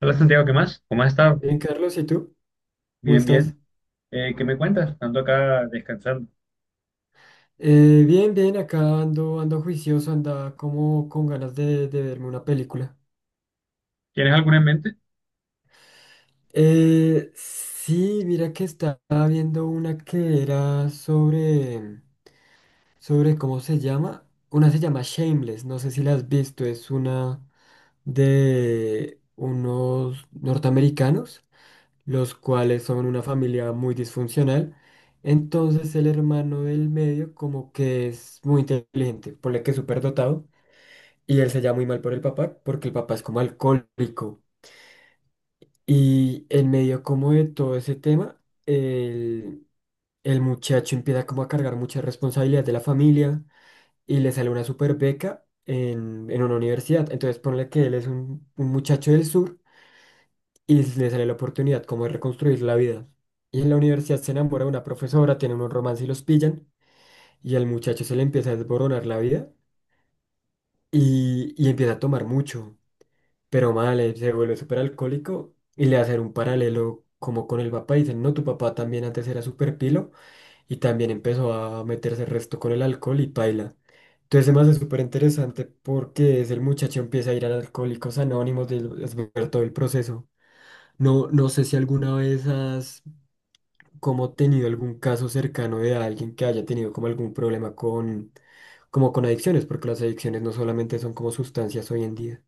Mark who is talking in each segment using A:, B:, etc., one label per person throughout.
A: Hola Santiago, ¿qué más? ¿Cómo has estado?
B: Bien, Carlos, ¿y tú? ¿Cómo
A: Bien, bien.
B: estás?
A: ¿Qué me cuentas? Ando acá descansando.
B: Bien, bien, acá ando, ando juicioso, anda como con ganas de verme una película.
A: ¿Tienes alguna en mente?
B: Sí, mira que estaba viendo una que era sobre, ¿cómo se llama? Una se llama Shameless, no sé si la has visto, es una de unos norteamericanos los cuales son una familia muy disfuncional. Entonces el hermano del medio como que es muy inteligente, ponle que es súper dotado, y él se llama muy mal por el papá, porque el papá es como alcohólico. Y en medio como de todo ese tema, el, el muchacho empieza como a cargar muchas responsabilidades de la familia y le sale una super beca en una universidad. Entonces ponle que él es un muchacho del sur y le sale la oportunidad como de reconstruir la vida. Y en la universidad se enamora de una profesora, tienen un romance y los pillan, y al muchacho se le empieza a desboronar la vida y empieza a tomar mucho, pero mal, se vuelve súper alcohólico y le hacen un paralelo como con el papá, y dicen, no, tu papá también antes era súper pilo y también empezó a meterse el resto con el alcohol y paila. Entonces además es súper interesante porque es el muchacho empieza a ir a Alcohólicos Anónimos de, es ver todo el proceso. No, no sé si alguna vez has como tenido algún caso cercano de alguien que haya tenido como algún problema con, como con adicciones, porque las adicciones no solamente son como sustancias hoy en día.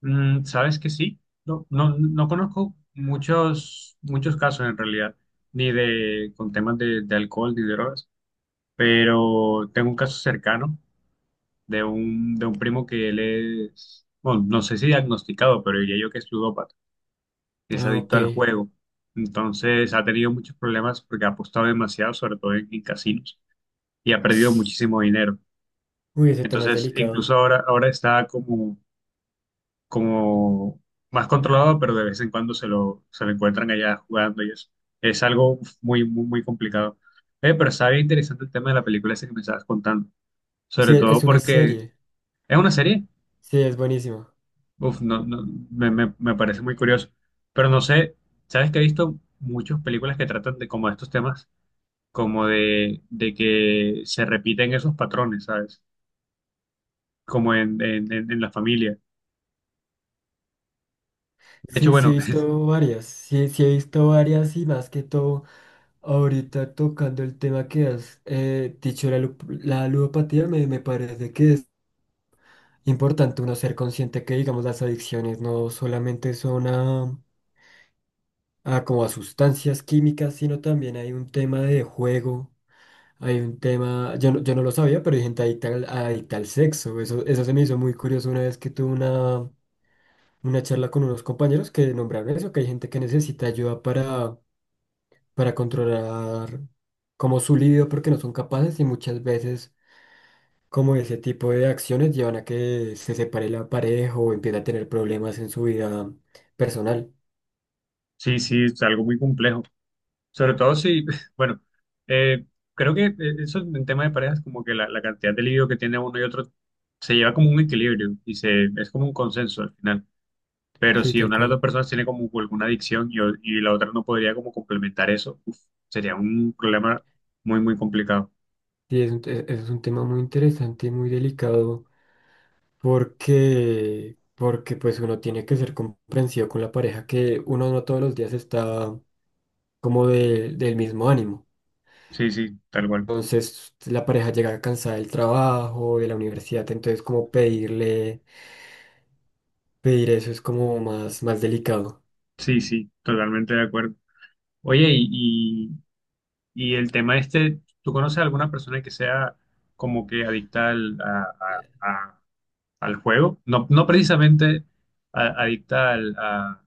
A: Mm, sabes que sí, no, no conozco muchos casos en realidad, ni de con temas de alcohol ni drogas, pero tengo un caso cercano de un primo que él es, bueno, no sé si diagnosticado, pero diría yo que es ludópata, que es
B: Ah, ok.
A: adicto al juego. Entonces ha tenido muchos problemas porque ha apostado demasiado, sobre todo en casinos, y ha perdido muchísimo dinero.
B: Uy, ese tema es
A: Entonces, incluso
B: delicado.
A: ahora está como, como más controlado, pero de vez en cuando se lo encuentran allá jugando y eso. Es algo muy, muy, muy complicado. Pero está bien interesante el tema de la película esa que me estabas contando.
B: Sí,
A: Sobre todo
B: es una
A: porque
B: serie.
A: es una serie.
B: Sí, es buenísimo.
A: Uf, no, no, me parece muy curioso. Pero no sé, sabes que he visto muchas películas que tratan de como de estos temas, como de que se repiten esos patrones, ¿sabes? Como en, en la familia. De hecho,
B: Sí, sí he
A: bueno,
B: visto varias. Sí, sí he visto varias y más que todo, ahorita tocando el tema que has dicho, la ludopatía, me parece que es importante uno ser consciente que, digamos, las adicciones no solamente son a como a sustancias químicas, sino también hay un tema de juego, hay un tema, yo no lo sabía, pero hay gente adicta al sexo. Eso se me hizo muy curioso una vez que tuve una charla con unos compañeros que nombraron eso, que hay gente que necesita ayuda para controlar como su libido porque no son capaces y muchas veces como ese tipo de acciones llevan a que se separe la pareja o empiece a tener problemas en su vida personal.
A: sí, sí, es algo muy complejo. Sobre todo si, bueno, eh, creo que eso en tema de parejas, como que la cantidad de libido que tiene uno y otro se lleva como un equilibrio y se, es como un consenso al final. Pero
B: Sí,
A: si
B: tal
A: una de las
B: cual.
A: dos personas tiene como alguna adicción y la otra no podría como complementar eso, uf, sería un problema muy, muy complicado.
B: Sí, es es un tema muy interesante y muy delicado porque pues uno tiene que ser comprensivo con la pareja que uno no todos los días está como del mismo ánimo.
A: Sí, sí, tal cual.
B: Entonces la pareja llega cansada del trabajo, de la universidad, entonces como pedir eso es como más, más delicado.
A: Sí, sí, totalmente de acuerdo. Oye, y, y el tema este, ¿tú conoces a alguna persona que sea como que a, al juego? No, no precisamente adicta al, a,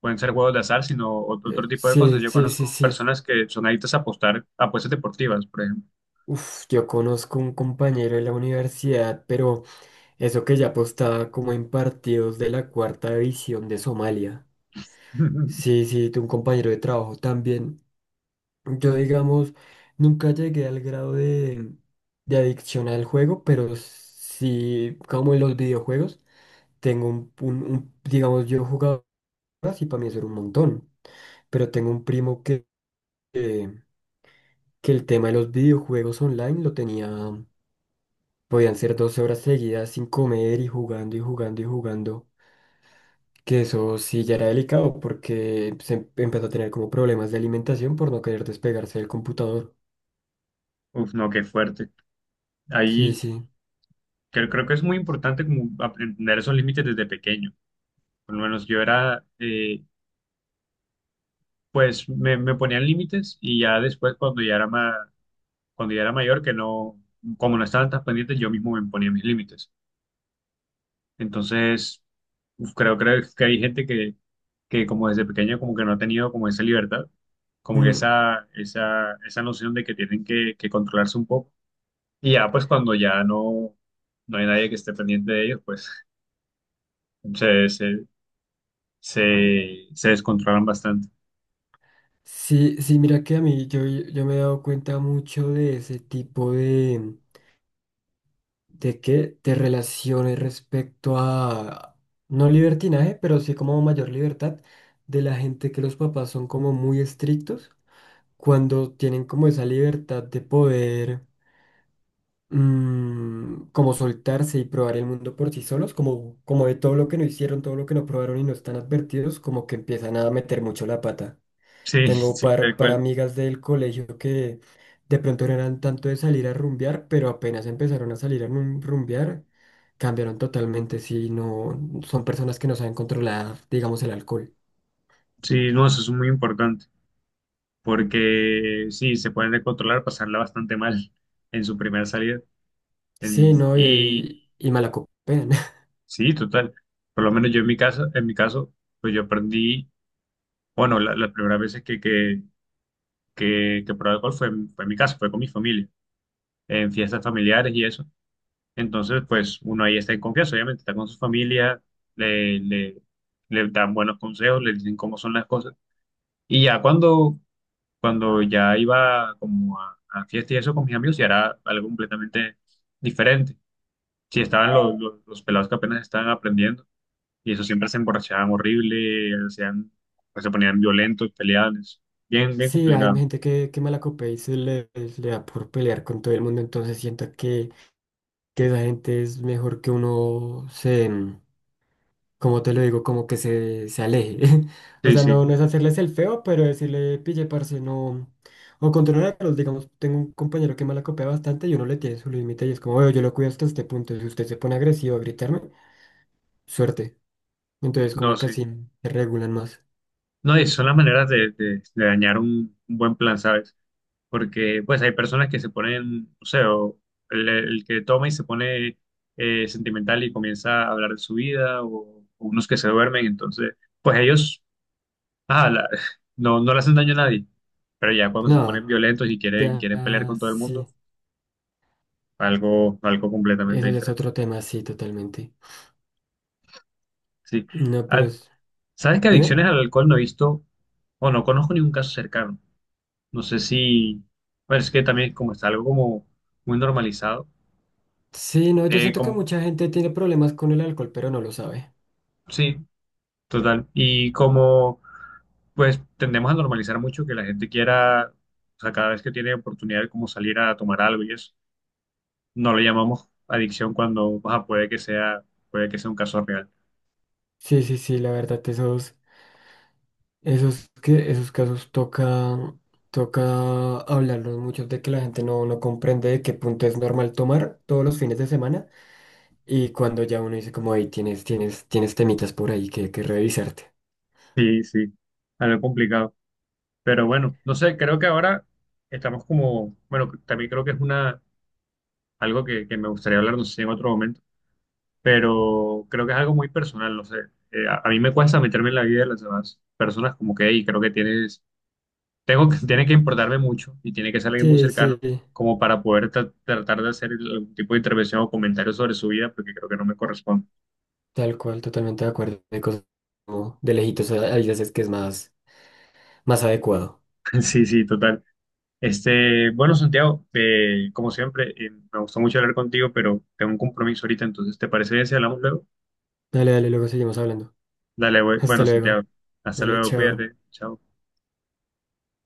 A: pueden ser juegos de azar, sino otro tipo de cosas.
B: Sí,
A: Yo
B: sí, sí,
A: conozco
B: sí.
A: personas que son adictas a apostar a apuestas deportivas, por ejemplo.
B: Uf, yo conozco un compañero de la universidad, pero eso que ya apostaba como en partidos de la cuarta división de Somalia. Sí, sí, de un compañero de trabajo también. Yo, digamos, nunca llegué al grado de adicción al juego, pero sí, como en los videojuegos, tengo digamos, yo jugaba y para mí eso era un montón, pero tengo un primo que, que el tema de los videojuegos online lo tenía, podían ser 12 horas seguidas sin comer y jugando y jugando y jugando. Que eso sí ya era delicado porque empezó a tener como problemas de alimentación por no querer despegarse del computador.
A: Uf, no, qué fuerte.
B: Sí,
A: Ahí
B: sí.
A: creo que es muy importante como aprender esos límites desde pequeño. Por lo menos yo era, pues me ponían límites y ya después cuando ya era cuando ya era mayor, que no, como no estaban tan pendientes, yo mismo me ponía mis límites. Entonces, uf, creo que hay gente que como desde pequeño como que no ha tenido como esa libertad, como que
B: Mm.
A: esa noción de que tienen que controlarse un poco. Y ya pues cuando ya no, no hay nadie que esté pendiente de ellos, pues se, se, se descontrolan bastante.
B: Sí, sí, mira que a mí yo me he dado cuenta mucho de ese tipo de que de relaciones respecto a, no libertinaje, pero sí como mayor libertad de la gente que los papás son como muy estrictos cuando tienen como esa libertad de poder. Mm, como soltarse y probar el mundo por sí solos, como, como de todo lo que no hicieron, todo lo que no probaron y no están advertidos, como que empiezan a meter mucho la pata.
A: Sí,
B: Tengo
A: sí, tal
B: par
A: cual.
B: amigas del colegio que de pronto no eran tanto de salir a rumbear, pero apenas empezaron a salir a rumbear, cambiaron totalmente, si no, son personas que no saben controlar, digamos, el alcohol.
A: Sí, no, eso es muy importante, porque sí, se pueden descontrolar, pasarla bastante mal en su primera salida. En-
B: Sí, no,
A: y,
B: y malacopean.
A: Sí, total. Por lo menos yo en mi caso, pues yo aprendí, bueno, las primeras veces que probé alcohol fue, fue en mi casa, fue con mi familia, en fiestas familiares y eso. Entonces, pues uno ahí está en confianza, obviamente, está con su familia, le, le, le dan buenos consejos, le dicen cómo son las cosas. Y ya cuando, cuando ya iba como a fiestas y eso con mis amigos, ya era algo completamente diferente. Si estaban los pelados que apenas estaban aprendiendo y eso siempre se emborrachaban horrible, hacían, pues, se ponían violentos, peleables. Bien, bien
B: Sí, hay
A: complicado.
B: gente que malacopea y le da por pelear con todo el mundo, entonces siento que esa gente es mejor que uno se, mm, como te lo digo, como que se aleje. O
A: Sí,
B: sea,
A: sí.
B: no, no es hacerles el feo, pero decirle, pille, parce, no. O controlarlos, digamos, tengo un compañero que me la copia bastante y uno le tiene su límite y es como, "Oye, yo lo cuido hasta este punto, si usted se pone agresivo a gritarme, suerte. Entonces,
A: No,
B: como
A: sí.
B: casi se regulan más.
A: No, y son las maneras de, de dañar un buen plan, ¿sabes? Porque, pues, hay personas que se ponen, o sea, o el que toma y se pone sentimental y comienza a hablar de su vida, o unos que se duermen, entonces, pues ellos, ah, no, no le hacen daño a nadie. Pero ya cuando se
B: No,
A: ponen violentos y quieren,
B: ya,
A: quieren pelear
B: ah,
A: con todo el mundo,
B: sí.
A: algo, algo completamente
B: Eso ya es
A: diferente.
B: otro tema, sí, totalmente.
A: Sí.
B: No, pero
A: Al-
B: es...
A: ¿sabes que
B: Dime.
A: adicciones al alcohol no he visto o no conozco ningún caso cercano? No sé si, bueno, es que también como está algo como muy normalizado.
B: Sí, no, yo siento que
A: Como,
B: mucha gente tiene problemas con el alcohol, pero no lo sabe.
A: sí, total. Y como pues tendemos a normalizar mucho que la gente quiera, o sea, cada vez que tiene oportunidad de como salir a tomar algo y eso, no lo llamamos adicción cuando, o sea, puede que sea un caso real.
B: Sí, sí, sí, la verdad, esos casos toca hablarlos mucho de que la gente no, no comprende de qué punto es normal tomar todos los fines de semana y cuando ya uno dice como, ahí tienes temitas por ahí que revisarte.
A: Sí, sí, algo complicado. Pero bueno, no sé, creo que ahora estamos como, bueno, también creo que es una algo que me gustaría hablar, no sé si en otro momento, pero creo que es algo muy personal, no sé. A mí me cuesta meterme en la vida de las demás personas, como que, y creo que tienes, tengo que, tiene que importarme mucho y tiene que ser alguien muy
B: Sí,
A: cercano
B: sí,
A: como para poder tratar de hacer algún tipo de intervención o comentario sobre su vida, porque creo que no me corresponde.
B: tal cual, totalmente de acuerdo. De cosas como de lejitos hay veces es que es más, más adecuado.
A: Sí, sí, total. Este, bueno, Santiago, como siempre, me gustó mucho hablar contigo, pero tengo un compromiso ahorita, entonces, ¿te parece bien si hablamos luego?
B: Dale, dale, luego seguimos hablando.
A: Dale, güey.
B: Hasta
A: Bueno, Santiago,
B: luego.
A: hasta
B: Dale,
A: luego,
B: chao.
A: cuídate, chao.